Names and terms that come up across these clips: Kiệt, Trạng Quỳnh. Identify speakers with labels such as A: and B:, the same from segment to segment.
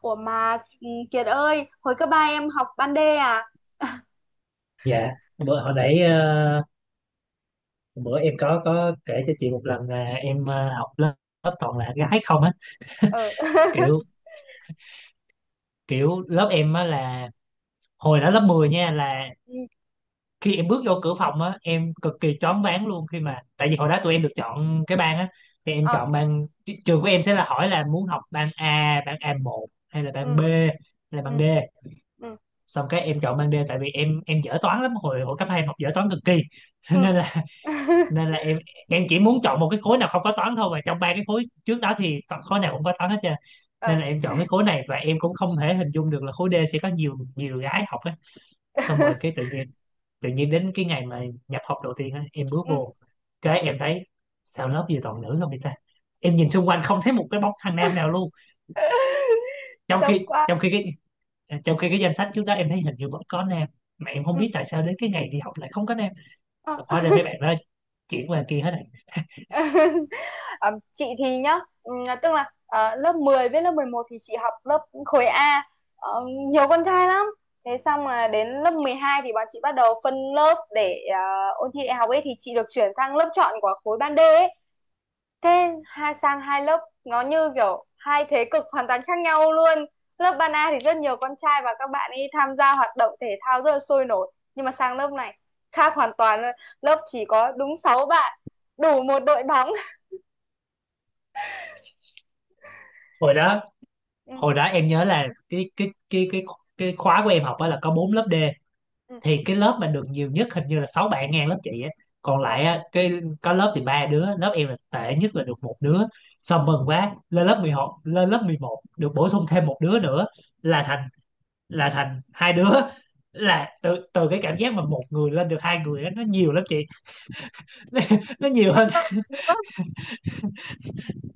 A: Ủa mà Kiệt ơi, hồi cấp 3 em học ban D à?
B: Dạ, bữa hồi nãy, bữa em có kể cho chị một lần là em, học lớp toàn là gái không á.
A: Ờ.
B: Kiểu kiểu lớp em á là hồi đó lớp 10 nha, là
A: Ừ.
B: khi em bước vô cửa phòng á em cực kỳ choáng váng luôn, khi mà tại vì hồi đó tụi em được chọn cái ban á, thì em
A: Ờ.
B: chọn ban trường của em sẽ là, hỏi là muốn học ban A, ban a một, hay là ban
A: Ừ.
B: B, hay là ban
A: Ừ.
B: D.
A: Ừ.
B: Xong cái em chọn ban D tại vì em dở toán lắm, hồi hồi cấp 2 em học dở toán cực kỳ.
A: Ừ.
B: nên là nên là em chỉ muốn chọn một cái khối nào không có toán thôi, và trong ba cái khối trước đó thì khối nào cũng có toán hết trơn. Nên
A: Ờ.
B: là em chọn cái khối này, và em cũng không thể hình dung được là khối D sẽ có nhiều nhiều gái học á. Xong rồi cái tự nhiên đến cái ngày mà nhập học đầu tiên á, em bước
A: Ừ.
B: vô cái em thấy sao lớp gì toàn nữ không vậy ta. Em nhìn xung quanh không thấy một cái bóng thằng nam nào luôn, trong
A: Sốc
B: khi
A: quá.
B: trong khi cái trong khi cái danh sách trước đó em thấy hình như vẫn có nam, mà em không
A: Ừ.
B: biết tại sao đến cái ngày đi học lại không có nam.
A: Ờ.
B: Hóa ra mấy bạn đó chuyển qua kia hết rồi.
A: Ờ, chị thì tức là lớp 10 với lớp 11 thì chị học lớp khối A. Ờ, nhiều con trai lắm. Thế xong là đến lớp 12 thì bọn chị bắt đầu phân lớp để ôn thi đại học ấy, thì chị được chuyển sang lớp chọn của khối ban D ấy. Thế hai sang hai lớp nó như kiểu hai thế cực hoàn toàn khác nhau luôn. Lớp ban A thì rất nhiều con trai và các bạn ấy tham gia hoạt động thể thao rất là sôi nổi, nhưng mà sang lớp này khác hoàn toàn luôn, lớp chỉ có đúng 6 bạn, đủ một đội bóng.
B: hồi đó
A: Ừ,
B: hồi đó em nhớ là cái khóa của em học á là có 4 lớp D,
A: ừ,
B: thì cái lớp mà được nhiều nhất hình như là 6 bạn, ngang lớp chị á. Còn
A: ờ,
B: lại á, cái có lớp thì ba đứa, lớp em là tệ nhất, là được một đứa. Xong mừng quá lên lớp 11, được bổ sung thêm một đứa nữa, là thành, hai đứa. Là từ từ cái cảm giác mà một người lên được hai người á, nó nhiều lắm chị. nó, nó nhiều hơn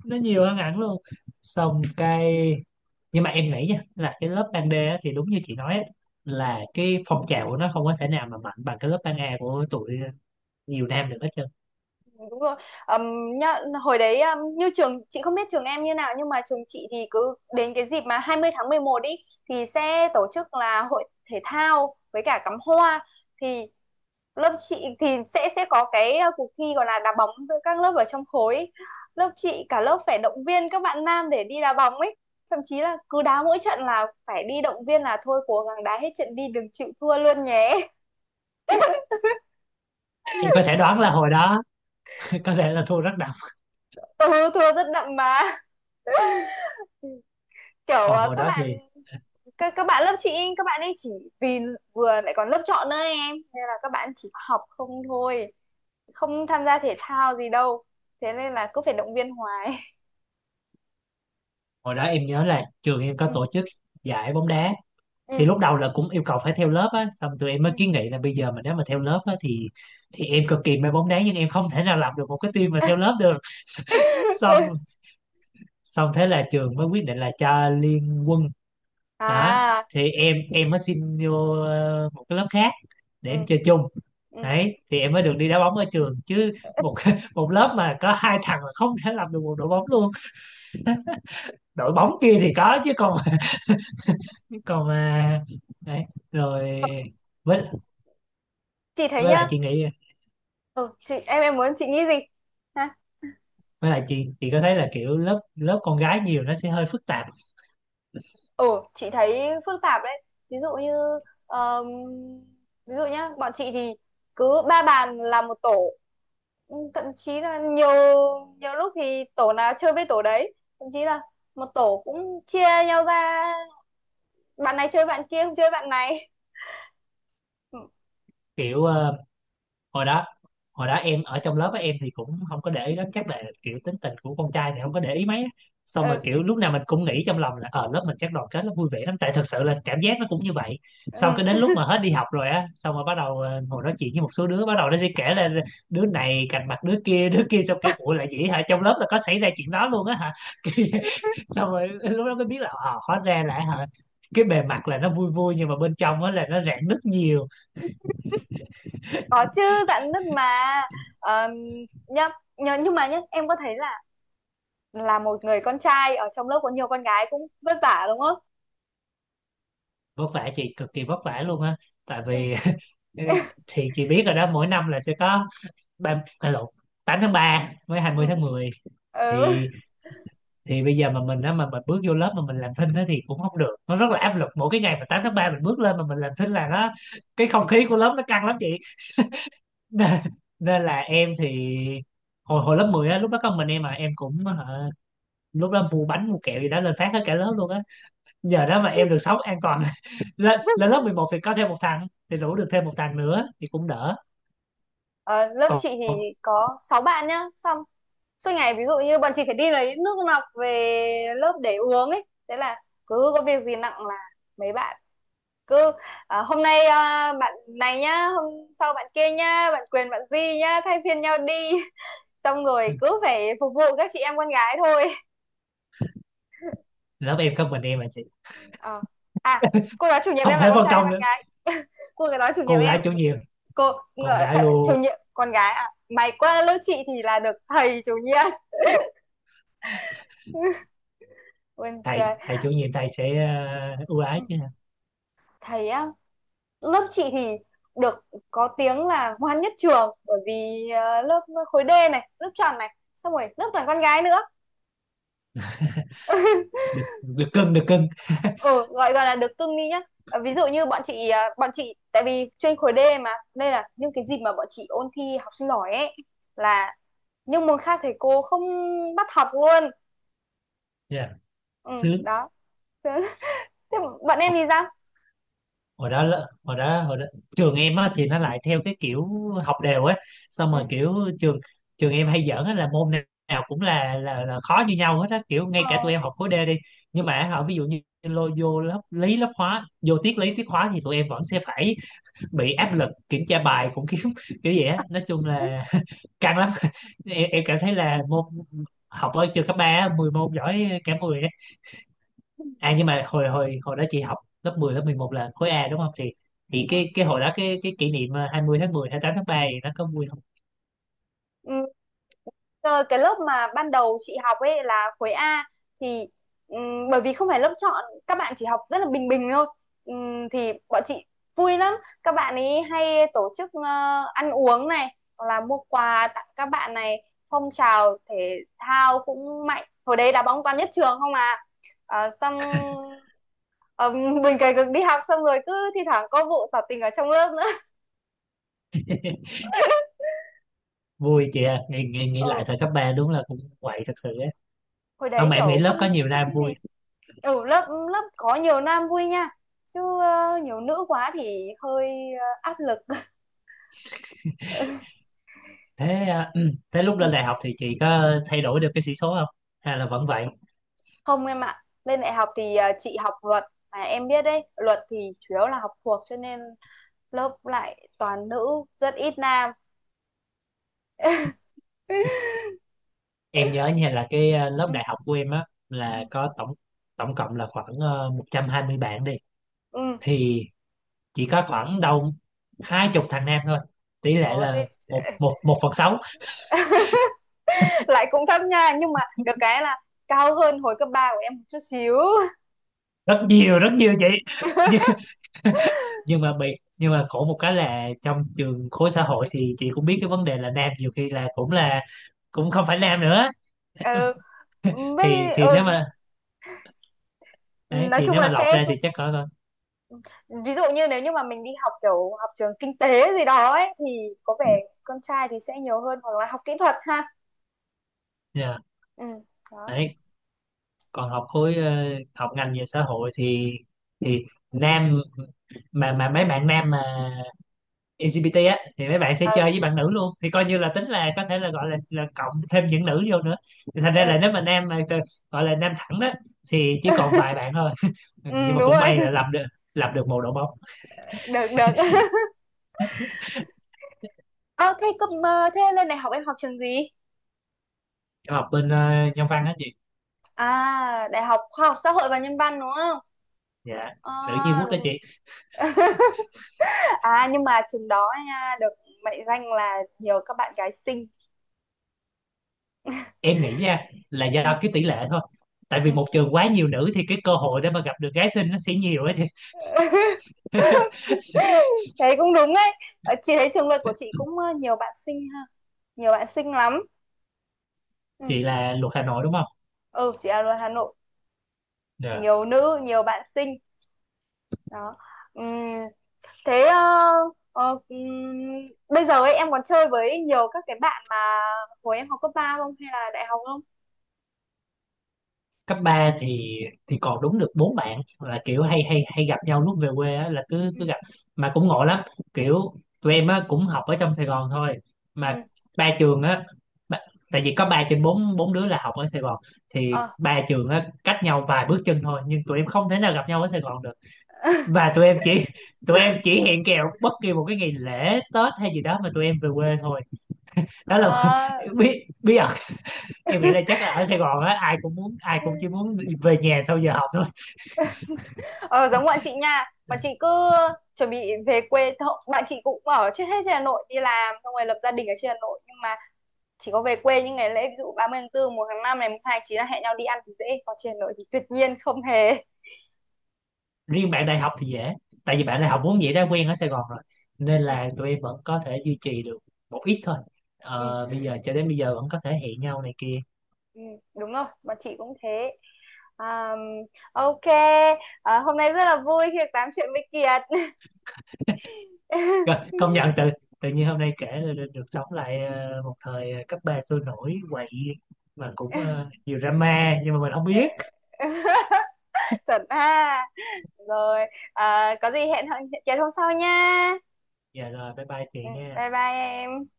B: nó nhiều hơn hẳn luôn. Xong cái, nhưng mà em nghĩ nha, là cái lớp ban D á thì đúng như chị nói á, là cái phong trào của nó không có thể nào mà mạnh bằng cái lớp ban A của tụi, nhiều nam được hết trơn.
A: đúng rồi. Nhá, hồi đấy như trường chị không biết trường em như nào, nhưng mà trường chị thì cứ đến cái dịp mà 20 tháng 11 ý thì sẽ tổ chức là hội thể thao với cả cắm hoa. Thì lớp chị thì sẽ có cái cuộc thi gọi là đá bóng giữa các lớp ở trong khối ấy. Lớp chị cả lớp phải động viên các bạn nam để đi đá bóng ấy, thậm chí là cứ đá mỗi trận là phải đi động viên là thôi cố gắng đá hết trận đi, đừng chịu thua luôn nhé.
B: Em có thể đoán là hồi đó có thể là thua rất đậm.
A: Ừ, thua rất đậm mà, kiểu
B: Còn hồi
A: các
B: đó thì,
A: bạn, các bạn lớp chị ấy, các bạn ấy chỉ vì vừa lại còn lớp chọn nữa em, nên là các bạn chỉ học không thôi, không tham gia thể thao gì đâu, thế nên là cứ phải động viên hoài.
B: hồi đó em nhớ là trường em có
A: Ừ,
B: tổ chức giải bóng đá, thì
A: ừ,
B: lúc đầu là cũng yêu cầu phải theo lớp á. Xong tụi em
A: ừ.
B: mới kiến nghị là bây giờ mà nếu mà theo lớp á thì em cực kỳ mê bóng đá nhưng em không thể nào làm được một cái team mà theo lớp được. Xong, thế là trường mới quyết định là cho liên quân. Đó
A: À,
B: thì em mới xin vô, một cái lớp khác để em
A: ừ,
B: chơi chung.
A: ừ.
B: Đấy thì em mới được đi đá bóng ở trường chứ. Một một lớp mà có hai thằng là không thể làm được một đội bóng luôn. Đội bóng kia thì có chứ, còn còn mà, đấy, rồi, với
A: Chị thấy
B: với lại
A: nhá,
B: chị nghĩ
A: ừ, chị em muốn chị nghĩ gì? Ha?
B: với lại chị có thấy là kiểu lớp, lớp con gái nhiều nó sẽ hơi phức tạp.
A: Ừ, chị thấy phức tạp đấy. Ví dụ như ờm, ví dụ nhá, bọn chị thì cứ 3 bàn là một tổ. Ừ, thậm chí là nhiều nhiều lúc thì tổ nào chơi với tổ đấy, thậm chí là một tổ cũng chia nhau ra, bạn này chơi bạn kia, không chơi bạn này.
B: Kiểu, hồi đó hồi đó em ở trong lớp á em thì cũng không có để ý lắm, chắc là kiểu tính tình của con trai thì không có để ý mấy á. Xong mà
A: Ừ,
B: kiểu lúc nào mình cũng nghĩ trong lòng là ở lớp mình chắc đoàn kết lắm, vui vẻ lắm, tại thật sự là cảm giác nó cũng như vậy. Xong
A: ừ,
B: cái đến
A: ừ.
B: lúc mà hết đi học rồi á, xong rồi bắt đầu ngồi nói chuyện với một số đứa, bắt đầu nó sẽ kể là đứa này cạnh mặt đứa kia đứa kia. Xong kiểu, ủa là vậy hả, trong lớp là có xảy ra chuyện đó luôn á hả? Kiểu vậy. Xong rồi lúc đó mới biết là, ờ, hóa ra là, hả, cái bề mặt là nó vui vui nhưng mà bên trong á là nó rạn nứt nhiều.
A: Có chứ, dạn nứt mà. Ờm, nhá, nhưng mà nhá, em có thấy là một người con trai ở trong lớp có nhiều con gái cũng vất vả đúng không?
B: Vất vả chị, cực kỳ vất vả luôn á. Tại
A: Ừ.
B: vì thì chị biết rồi đó, mỗi năm là sẽ có ba, à lộn, 8 tháng 3 với hai mươi
A: Ừ.
B: tháng mười
A: Ừ.
B: thì thì bây giờ mà mình á, mà mình bước vô lớp mà mình làm thinh á thì cũng không được, nó rất là áp lực. Mỗi cái ngày mà 8 tháng 3 mình bước lên mà mình làm thinh là nó, cái không khí của lớp nó căng lắm chị. nên, nên là em thì hồi hồi lớp 10 á, lúc đó có mình em mà em cũng, hả, lúc đó mua bánh mua kẹo gì đó lên phát hết cả lớp luôn á. Giờ đó mà em được sống an toàn. Lên lớp 11 thì có thêm một thằng, thì rủ được thêm một thằng nữa thì cũng đỡ.
A: Ờ, lớp
B: Còn
A: chị thì có 6 bạn nhá, xong suốt ngày ví dụ như bọn chị phải đi lấy nước lọc về lớp để uống ấy, thế là cứ có việc gì nặng là mấy bạn cứ à, hôm nay à, bạn này nhá, hôm sau bạn kia nhá, bạn Quyền bạn Di nhá, thay phiên nhau đi. Xong rồi cứ phải phục vụ các chị em con gái thôi.
B: lớp em có mình em mà chị,
A: Ờ. À, cô giáo chủ nhiệm
B: không
A: em là
B: phải
A: con
B: phân
A: trai hay
B: công
A: con
B: nữa.
A: gái? Cô giáo chủ nhiệm
B: Cô
A: em,
B: gái chủ nhiệm
A: cô
B: con
A: th
B: gái
A: chủ
B: luôn.
A: nhiệm con gái à? Mày qua lớp chị thì là được thầy chủ nhiệm. Buồn
B: thầy
A: cười.
B: thầy chủ nhiệm, thầy sẽ, ưu ái chứ.
A: Thầy á, lớp chị thì được có tiếng là ngoan nhất trường, bởi vì lớp khối D này, lớp tròn này, xong rồi lớp toàn con gái nữa.
B: Được, được cưng, được cưng.
A: Ừ, gọi gọi là được cưng đi nhá. Ờ, ví dụ như bọn chị ờ, bọn chị tại vì chuyên khối D mà, nên là những cái dịp mà bọn chị ôn thi học sinh giỏi ấy là những môn khác thầy cô không bắt học luôn.
B: Dạ,
A: Ừ,
B: sướng.
A: đó. Thế thế bọn em thì sao?
B: Hồi đó trường em á thì nó lại theo cái kiểu học đều á. Xong
A: Ừ.
B: rồi kiểu, trường trường em hay giỡn á là môn nào cũng là khó như nhau hết á, kiểu ngay
A: Ờ,
B: cả tụi em học khối D đi nhưng mà họ ví dụ như lôi vô lớp lý lớp hóa, vô tiết lý tiết hóa thì tụi em vẫn sẽ phải bị áp lực kiểm tra bài, cũng kiểu kiểu vậy á, nói chung
A: ừ,
B: là căng lắm. Em cảm thấy là môn học ở trường cấp ba á, 10 môn giỏi cả 10. À, nhưng mà hồi hồi hồi đó chị học lớp 10, lớp 11 là khối A đúng không? Thì cái hồi đó cái kỷ niệm 20 tháng 10, 8 tháng 3 thì nó có vui không?
A: rồi cái lớp mà ban đầu chị học ấy là khối A, thì bởi vì không phải lớp chọn, các bạn chỉ học rất là bình bình thôi. Thì bọn chị vui lắm, các bạn ấy hay tổ chức ăn uống này, hoặc là mua quà tặng các bạn này, phong trào thể thao cũng mạnh, hồi đấy đá bóng toàn nhất trường không à. Ờ, xong ờ, mình cày cực đi học xong rồi cứ thi thoảng có vụ tỏ tình ở trong lớp nữa.
B: Vui chị à, nghĩ
A: Ờ,
B: lại thời cấp 3 đúng là cũng quậy thật sự á.
A: hồi
B: Không,
A: đấy
B: mà em nghĩ
A: kiểu không
B: lớp có
A: không
B: nhiều
A: suy
B: nam
A: nghĩ gì.
B: vui.
A: Ừ, lớp lớp có nhiều nam vui nha, chứ nhiều nữ quá thì hơi áp lực.
B: Thế, thế lúc
A: Ừ,
B: lên đại học thì chị có thay đổi được cái sĩ số không? Hay là vẫn vậy?
A: không em ạ, lên đại học thì chị học luật, mà em biết đấy, luật thì chủ yếu là học thuộc, cho nên lớp lại toàn nữ, rất ít nam.
B: Em nhớ như là cái, lớp
A: Ừ,
B: đại học của em á
A: ừ,
B: là có tổng tổng cộng là khoảng, 120 bạn đi,
A: ừ.
B: thì chỉ có khoảng đâu 20 thằng nam thôi. Tỷ lệ
A: Ồ,
B: là
A: thế
B: một một 1/6.
A: lại cũng thấp nha, nhưng mà được cái là cao hơn hồi cấp 3 của em một chút xíu.
B: Rất nhiều, rất nhiều chị. nhưng nhưng mà bị nhưng mà khổ một cái là trong trường khối xã hội thì chị cũng biết, cái vấn đề là nam nhiều khi là cũng không phải nam nữa.
A: Ừ, với
B: Thì nếu
A: ừ,
B: mà, đấy,
A: nói
B: thì
A: chung
B: nếu
A: là
B: mà lọc
A: sẽ
B: ra thì chắc có con.
A: ví dụ như nếu như mà mình đi học kiểu học trường kinh tế gì đó ấy thì có vẻ con trai thì sẽ nhiều hơn, hoặc là học kỹ thuật ha.
B: Dạ,
A: Ừ, đó.
B: đấy, còn học khối, học ngành về xã hội thì nam mà mấy bạn nam mà LGBT á thì mấy bạn sẽ
A: Ờ,
B: chơi với bạn nữ luôn, thì coi như là tính là có thể là gọi là cộng thêm những nữ vô nữa. Thì thành ra
A: ừ.
B: là nếu mà nam mà gọi là nam thẳng đó thì chỉ còn vài bạn thôi. Ừ,
A: Ừ
B: nhưng mà
A: đúng
B: cũng
A: rồi.
B: may là làm được một đội bóng.
A: Được được. Ờ, thế cấp mơ thế lên đại học em học trường gì?
B: Em học bên, nhân văn á chị.
A: À, đại học khoa học xã hội và nhân văn đúng không?
B: Dạ,
A: Ờ,
B: nữ nhi quốc đó
A: đúng.
B: chị.
A: À, nhưng mà trường đó nha, được mệnh danh là nhiều các bạn gái xinh.
B: Em nghĩ ra là do
A: Ừ,
B: cái tỷ lệ thôi, tại vì
A: ừ.
B: một trường quá nhiều nữ thì cái cơ hội để mà gặp được gái xinh nó sẽ nhiều á chị.
A: Thấy cũng đúng ấy. Ờ, chị thấy trường luật của chị cũng nhiều bạn xinh ha, nhiều bạn xinh lắm. Ừ,
B: Chị là luật Hà Nội đúng không?
A: ừ, chị là người Hà Nội,
B: Dạ.
A: nhiều nữ nhiều bạn xinh, đó. Ừm, thế ờ, ừm, bây giờ ấy em còn chơi với nhiều các cái bạn mà hồi em học cấp ba không, hay là đại học không?
B: Cấp 3 thì còn đúng được bốn bạn, là kiểu
A: Ừ,
B: hay hay hay gặp nhau lúc về quê á, là cứ
A: ừ,
B: cứ gặp. Mà cũng ngộ lắm, kiểu tụi em á cũng học ở trong Sài Gòn thôi, mà
A: ừ,
B: ba trường á, ba- tại vì có ba trên bốn, đứa là học ở Sài Gòn, thì
A: ờ.
B: ba trường á cách nhau vài bước chân thôi nhưng tụi em không thể nào gặp nhau ở Sài Gòn được. Và tụi em chỉ hẹn kèo bất kỳ một cái ngày lễ Tết hay gì đó mà tụi em về quê thôi. Đó là
A: Ờ.
B: bí bí ẩn. Em nghĩ là chắc là ở Sài Gòn á, ai cũng chỉ muốn về nhà sau giờ học thôi.
A: Ờ, giống bọn chị nha, bọn chị cứ chuẩn bị về quê thôi, bạn chị cũng ở chết hết trên Hà Nội đi làm xong rồi lập gia đình ở trên Hà Nội, nhưng mà chỉ có về quê những ngày lễ, ví dụ 30 tháng 4, 1 tháng 5 này, mùng 2 tháng 9 là hẹn nhau đi ăn thì dễ, còn trên Hà Nội thì tuyệt nhiên không hề.
B: Riêng bạn đại học thì dễ, tại vì bạn
A: Ừ.
B: đại học vốn dĩ đã quen ở Sài Gòn rồi, nên
A: Ừ.
B: là tụi em vẫn có thể duy trì được một ít thôi.
A: Ừ,
B: Ờ, bây giờ cho đến bây giờ vẫn có thể hẹn nhau này kia.
A: ừ, đúng rồi, bọn chị cũng thế. À, ok, à, hôm nay rất là vui khi được tám chuyện với Kiệt.
B: Rồi công nhận, tự tự nhiên hôm nay kể là được, sống lại, một thời, cấp ba sôi nổi, quậy mà cũng, nhiều drama nhưng mà mình không biết.
A: Chuẩn ha. Rồi, à, có gì hẹn hẹn Kiệt hôm sau nha.
B: Dạ rồi, bye bye
A: Ừ,
B: chị nha.
A: bye bye em.